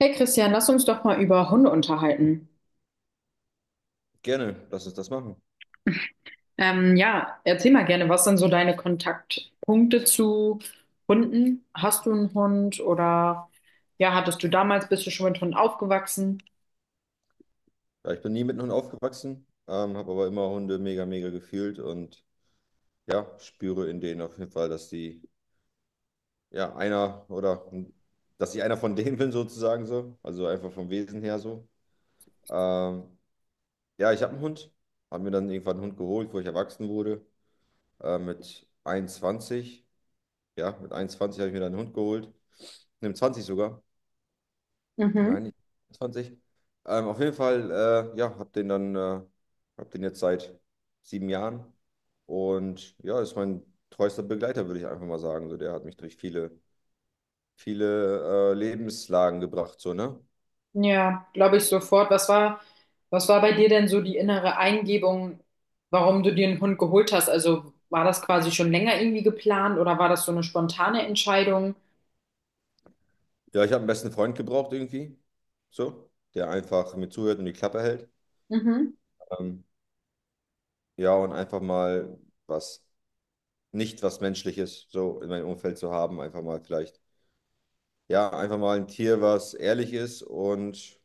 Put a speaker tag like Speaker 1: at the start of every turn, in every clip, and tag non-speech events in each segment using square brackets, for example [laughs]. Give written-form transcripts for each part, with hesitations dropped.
Speaker 1: Hey Christian, lass uns doch mal über Hunde unterhalten.
Speaker 2: Gerne, lass uns das machen.
Speaker 1: Ja, erzähl mal gerne, was sind so deine Kontaktpunkte zu Hunden? Hast du einen Hund oder ja, hattest du damals, bist du schon mit Hunden aufgewachsen?
Speaker 2: Ja, ich bin nie mit Hunden aufgewachsen, habe aber immer Hunde mega, mega gefühlt und ja, spüre in denen auf jeden Fall, dass die, ja, einer oder dass ich einer von [laughs] denen bin sozusagen so, also einfach vom Wesen her so. Ähm, ja, ich habe einen Hund, habe mir dann irgendwann einen Hund geholt, wo ich erwachsen wurde, mit 21, ja, mit 21 habe ich mir dann einen Hund geholt, mit 20 sogar.
Speaker 1: Mhm.
Speaker 2: Nein, nicht 20. Auf jeden Fall, ja, hab den jetzt seit 7 Jahren und ja, ist mein treuester Begleiter, würde ich einfach mal sagen. So, der hat mich durch viele, viele Lebenslagen gebracht, so, ne?
Speaker 1: Ja, glaube ich sofort. Was war bei dir denn so die innere Eingebung, warum du dir einen Hund geholt hast? Also war das quasi schon länger irgendwie geplant oder war das so eine spontane Entscheidung?
Speaker 2: Ja, ich habe einen besten Freund gebraucht irgendwie, so, der einfach mir zuhört und die Klappe hält.
Speaker 1: Mhm.
Speaker 2: Ähm, ja, und einfach mal was, nicht was Menschliches so in meinem Umfeld zu haben, einfach mal vielleicht, ja, einfach mal ein Tier, was ehrlich ist und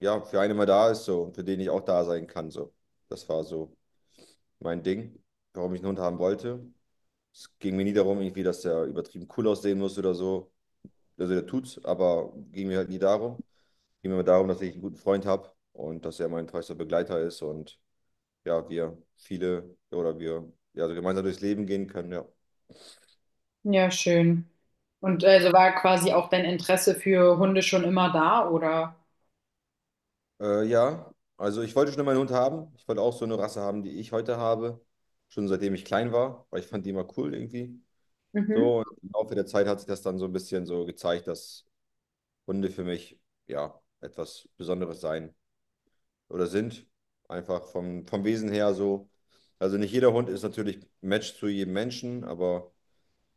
Speaker 2: ja, für einen immer da ist so und für den ich auch da sein kann. So. Das war so mein Ding, warum ich einen Hund haben wollte. Es ging mir nie darum, irgendwie, dass der übertrieben cool aussehen muss oder so. Also der tut's, aber ging mir halt nie darum. Ging mir immer darum, dass ich einen guten Freund habe und dass er mein treuster Begleiter ist und ja, wir viele oder wir ja, also gemeinsam durchs Leben gehen können, ja.
Speaker 1: Ja, schön. Und also war quasi auch dein Interesse für Hunde schon immer da, oder?
Speaker 2: Ja, also ich wollte schon immer einen Hund haben. Ich wollte auch so eine Rasse haben, die ich heute habe. Schon seitdem ich klein war, weil ich fand die immer cool irgendwie.
Speaker 1: Mhm.
Speaker 2: So, und im Laufe der Zeit hat sich das dann so ein bisschen so gezeigt, dass Hunde für mich ja etwas Besonderes sein oder sind. Einfach vom Wesen her so. Also nicht jeder Hund ist natürlich ein Match zu jedem Menschen, aber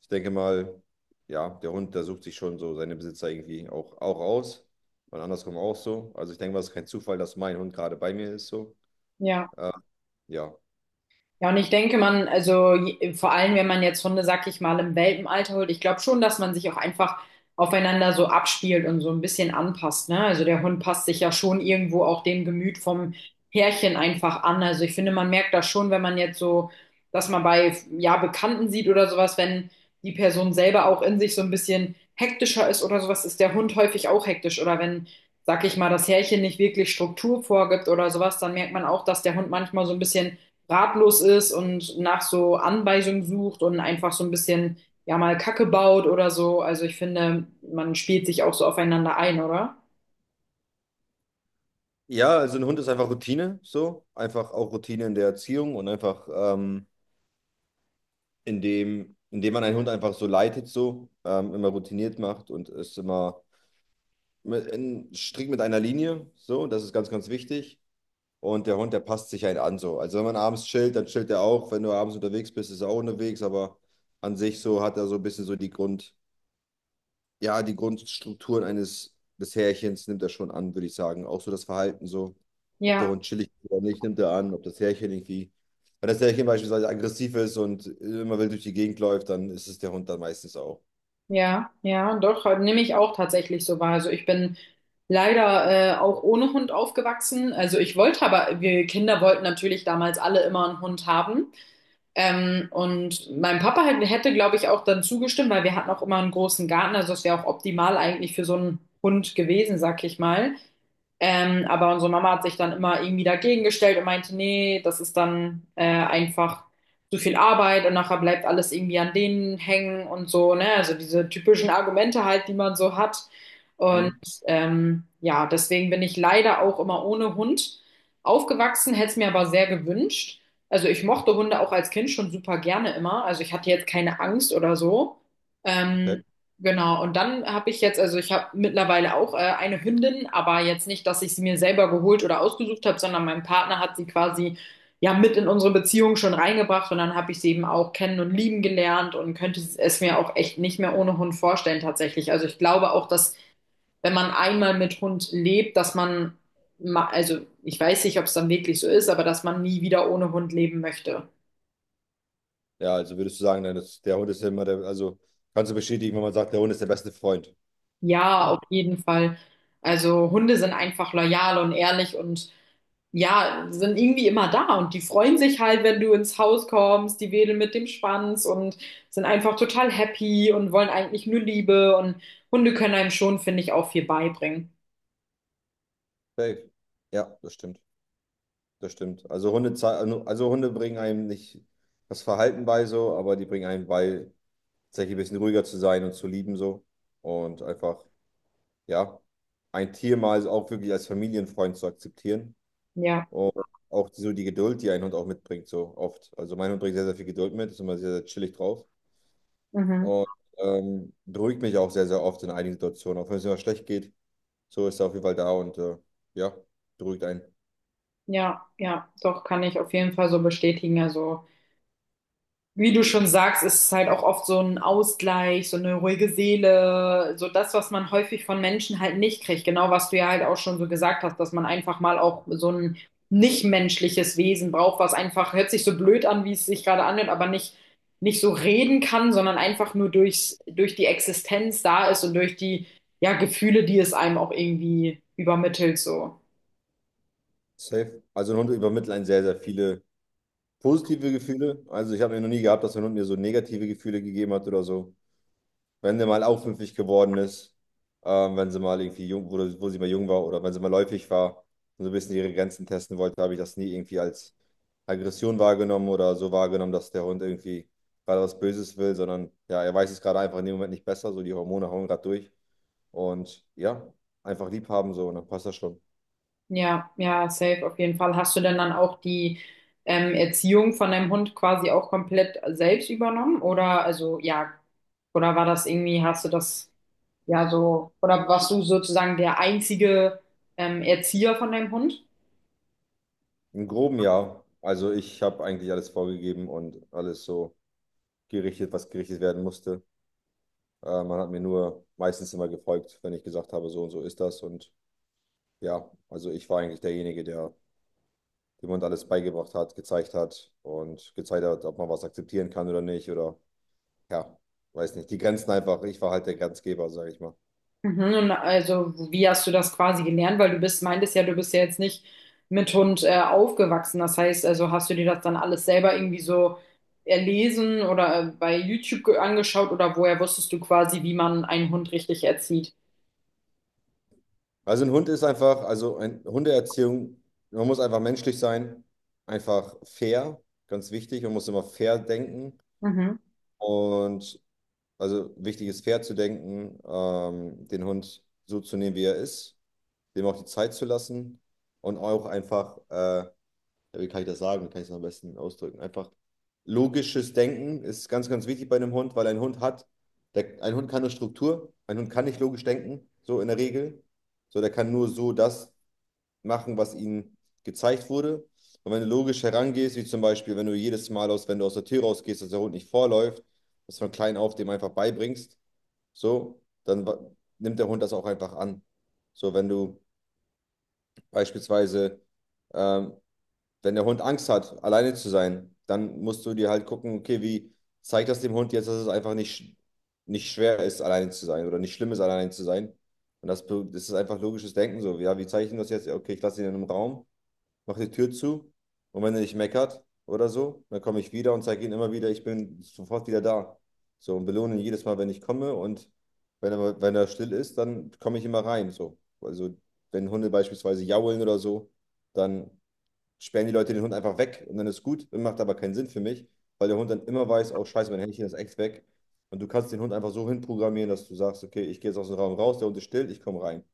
Speaker 2: ich denke mal, ja, der Hund, der sucht sich schon so seine Besitzer irgendwie auch aus. Und andersrum auch so. Also ich denke mal, es ist kein Zufall, dass mein Hund gerade bei mir ist so.
Speaker 1: Ja.
Speaker 2: Äh, ja.
Speaker 1: Ja, und ich denke, man, also vor allem, wenn man jetzt Hunde, sag ich mal, im Welpenalter holt, ich glaube schon, dass man sich auch einfach aufeinander so abspielt und so ein bisschen anpasst, ne? Also der Hund passt sich ja schon irgendwo auch dem Gemüt vom Herrchen einfach an. Also ich finde, man merkt das schon, wenn man jetzt so, dass man bei, ja, Bekannten sieht oder sowas, wenn die Person selber auch in sich so ein bisschen hektischer ist oder sowas, ist der Hund häufig auch hektisch. Oder wenn, sag ich mal, das Herrchen nicht wirklich Struktur vorgibt oder sowas, dann merkt man auch, dass der Hund manchmal so ein bisschen ratlos ist und nach so Anweisungen sucht und einfach so ein bisschen, ja, mal Kacke baut oder so. Also ich finde, man spielt sich auch so aufeinander ein, oder?
Speaker 2: Ja, also ein Hund ist einfach Routine, so. Einfach auch Routine in der Erziehung und einfach indem man einen Hund einfach so leitet, so immer routiniert macht und es immer mit, in, strikt mit einer Linie, so, das ist ganz, ganz wichtig. Und der Hund, der passt sich einen an, so. Also wenn man abends chillt, dann chillt er auch. Wenn du abends unterwegs bist, ist er auch unterwegs, aber an sich so hat er so ein bisschen so die Grund, ja, die Grundstrukturen eines des Härchens nimmt er schon an, würde ich sagen. Auch so das Verhalten so, ob der
Speaker 1: Ja,
Speaker 2: Hund chillig ist oder nicht, nimmt er an, ob das Härchen irgendwie, wenn das Härchen beispielsweise aggressiv ist und immer wild durch die Gegend läuft, dann ist es der Hund dann meistens auch.
Speaker 1: ja, doch, halt nehme ich auch tatsächlich so wahr. Also ich bin leider auch ohne Hund aufgewachsen. Also ich wollte aber, wir Kinder wollten natürlich damals alle immer einen Hund haben. Und mein Papa hätte, glaube ich, auch dann zugestimmt, weil wir hatten auch immer einen großen Garten. Also es wäre auch optimal eigentlich für so einen Hund gewesen, sag ich mal. Aber unsere Mama hat sich dann immer irgendwie dagegen gestellt und meinte, nee, das ist dann einfach zu viel Arbeit und nachher bleibt alles irgendwie an denen hängen und so, ne? Also diese typischen Argumente halt, die man so hat. Und
Speaker 2: Mhm.
Speaker 1: ja, deswegen bin ich leider auch immer ohne Hund aufgewachsen, hätte es mir aber sehr gewünscht. Also ich mochte Hunde auch als Kind schon super gerne immer. Also ich hatte jetzt keine Angst oder so.
Speaker 2: Okay.
Speaker 1: Ähm, Genau, und dann habe ich jetzt, also ich habe mittlerweile auch eine Hündin, aber jetzt nicht, dass ich sie mir selber geholt oder ausgesucht habe, sondern mein Partner hat sie quasi ja mit in unsere Beziehung schon reingebracht und dann habe ich sie eben auch kennen und lieben gelernt und könnte es mir auch echt nicht mehr ohne Hund vorstellen tatsächlich. Also ich glaube auch, dass wenn man einmal mit Hund lebt, dass man, also ich weiß nicht, ob es dann wirklich so ist, aber dass man nie wieder ohne Hund leben möchte.
Speaker 2: Ja, also würdest du sagen, dann ist, der Hund ist ja immer der, also kannst du bestätigen, wenn man sagt, der Hund ist der beste Freund.
Speaker 1: Ja, auf jeden Fall. Also Hunde sind einfach loyal und ehrlich und ja, sind irgendwie immer da und die freuen sich halt, wenn du ins Haus kommst, die wedeln mit dem Schwanz und sind einfach total happy und wollen eigentlich nur Liebe und Hunde können einem schon, finde ich, auch viel beibringen.
Speaker 2: Safe. Ja, das stimmt. Das stimmt. Also Hunde bringen einem nicht das Verhalten bei so, aber die bringen einem bei, tatsächlich ein bisschen ruhiger zu sein und zu lieben so. Und einfach, ja, ein Tier mal so auch wirklich als Familienfreund zu akzeptieren.
Speaker 1: Ja,
Speaker 2: Und auch so die Geduld, die ein Hund auch mitbringt, so oft. Also mein Hund bringt sehr, sehr viel Geduld mit, ist immer sehr, sehr chillig drauf.
Speaker 1: mhm.
Speaker 2: Und beruhigt mich auch sehr, sehr oft in einigen Situationen. Auch wenn es immer schlecht geht, so ist er auf jeden Fall da und ja, beruhigt einen.
Speaker 1: Ja, doch, kann ich auf jeden Fall so bestätigen. Also. Wie du schon sagst, ist es halt auch oft so ein Ausgleich, so eine ruhige Seele, so das, was man häufig von Menschen halt nicht kriegt. Genau, was du ja halt auch schon so gesagt hast, dass man einfach mal auch so ein nichtmenschliches Wesen braucht, was einfach, hört sich so blöd an, wie es sich gerade anhört, aber nicht so reden kann, sondern einfach nur durch die Existenz da ist und durch die, ja, Gefühle, die es einem auch irgendwie übermittelt, so.
Speaker 2: Safe. Also ein Hund übermittelt einen sehr, sehr viele positive Gefühle. Also ich habe noch nie gehabt, dass ein Hund mir so negative Gefühle gegeben hat oder so. Wenn sie mal aufmüpfig geworden ist, wenn sie mal irgendwie jung, wo sie mal jung war oder wenn sie mal läufig war und so ein bisschen ihre Grenzen testen wollte, habe ich das nie irgendwie als Aggression wahrgenommen oder so wahrgenommen, dass der Hund irgendwie gerade was Böses will, sondern ja, er weiß es gerade einfach in dem Moment nicht besser, so die Hormone hauen gerade durch und ja, einfach lieb haben so und dann passt das schon.
Speaker 1: Ja, safe auf jeden Fall. Hast du denn dann auch die Erziehung von deinem Hund quasi auch komplett selbst übernommen? Oder also ja, oder war das irgendwie, hast du das ja so, oder warst du sozusagen der einzige Erzieher von deinem Hund?
Speaker 2: Im groben ja, also ich habe eigentlich alles vorgegeben und alles so gerichtet, was gerichtet werden musste. Man hat mir nur meistens immer gefolgt, wenn ich gesagt habe, so und so ist das. Und ja, also ich war eigentlich derjenige, der dem Hund alles beigebracht hat, gezeigt hat und gezeigt hat, ob man was akzeptieren kann oder nicht. Oder ja, weiß nicht. Die Grenzen einfach. Ich war halt der Grenzgeber, sage ich mal.
Speaker 1: Mhm, und also, wie hast du das quasi gelernt? Weil du bist, meintest ja, du bist ja jetzt nicht mit Hund aufgewachsen. Das heißt, also hast du dir das dann alles selber irgendwie so erlesen oder bei YouTube angeschaut oder woher wusstest du quasi, wie man einen Hund richtig erzieht?
Speaker 2: Also ein Hund ist einfach, also ein Hundeerziehung, man muss einfach menschlich sein, einfach fair, ganz wichtig. Man muss immer fair denken.
Speaker 1: Mhm.
Speaker 2: Und also wichtig ist fair zu denken, den Hund so zu nehmen, wie er ist, dem auch die Zeit zu lassen und auch einfach, ja, wie kann ich das sagen, wie kann ich es am besten ausdrücken? Einfach logisches Denken ist ganz, ganz wichtig bei einem Hund, weil ein Hund hat, der, ein Hund kann nur Struktur, ein Hund kann nicht logisch denken, so in der Regel. So, der kann nur so das machen, was ihm gezeigt wurde. Und wenn du logisch herangehst, wie zum Beispiel, wenn du jedes Mal aus, wenn du aus der Tür rausgehst, dass der Hund nicht vorläuft, dass du von klein auf dem einfach beibringst, so, dann nimmt der Hund das auch einfach an. So, wenn du beispielsweise, ähm, wenn der Hund Angst hat, alleine zu sein, dann musst du dir halt gucken, okay, wie zeigt das dem Hund jetzt, dass es einfach nicht schwer ist, alleine zu sein oder nicht schlimm ist, alleine zu sein. Und das, das ist einfach logisches Denken so. Ja, wie zeige ich ihm das jetzt? Ja, okay, ich lasse ihn in einem Raum, mache die Tür zu und wenn er nicht meckert oder so, dann komme ich wieder und zeige ihm immer wieder, ich bin sofort wieder da. So, und belohne ihn jedes Mal, wenn ich komme und wenn er, wenn er still ist, dann komme ich immer rein. So. Also wenn Hunde beispielsweise jaulen oder so, dann sperren die Leute den Hund einfach weg und dann ist gut, macht aber keinen Sinn für mich, weil der Hund dann immer weiß, oh scheiße, mein Händchen ist echt weg. Und du kannst den Hund einfach so hinprogrammieren, dass du sagst, okay, ich gehe jetzt aus dem Raum raus, der Hund ist still, ich komme rein.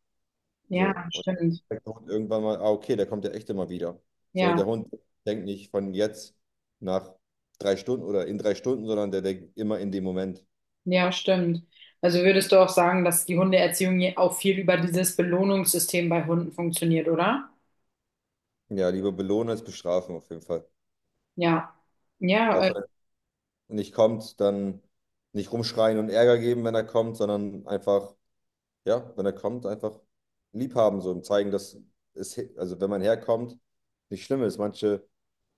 Speaker 1: Ja,
Speaker 2: So, und dann
Speaker 1: stimmt.
Speaker 2: merkt der Hund irgendwann mal, ah, okay, der kommt ja echt immer wieder. So, und
Speaker 1: Ja,
Speaker 2: der Hund denkt nicht von jetzt nach 3 Stunden oder in 3 Stunden, sondern der denkt immer in dem Moment.
Speaker 1: ja, stimmt. Also würdest du auch sagen, dass die Hundeerziehung auch viel über dieses Belohnungssystem bei Hunden funktioniert, oder?
Speaker 2: Ja, lieber belohnen als bestrafen auf jeden Fall.
Speaker 1: Ja. Ja,
Speaker 2: Auch wenn er nicht kommt, dann nicht rumschreien und Ärger geben, wenn er kommt, sondern einfach ja, wenn er kommt, einfach lieb haben, so und zeigen, dass es, also wenn man herkommt, nicht schlimm ist. Manche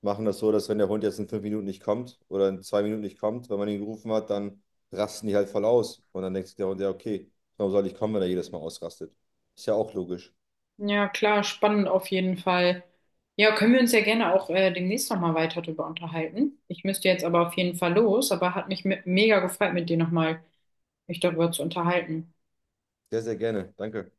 Speaker 2: machen das so, dass wenn der Hund jetzt in 5 Minuten nicht kommt oder in 2 Minuten nicht kommt, wenn man ihn gerufen hat, dann rasten die halt voll aus. Und dann denkt sich der Hund, ja, okay, warum soll ich kommen, wenn er jedes Mal ausrastet? Ist ja auch logisch.
Speaker 1: ja, klar, spannend auf jeden Fall. Ja, können wir uns ja gerne auch demnächst nochmal weiter darüber unterhalten. Ich müsste jetzt aber auf jeden Fall los, aber hat mich mega gefreut, mit dir nochmal mich darüber zu unterhalten.
Speaker 2: Sehr, sehr gerne. Danke.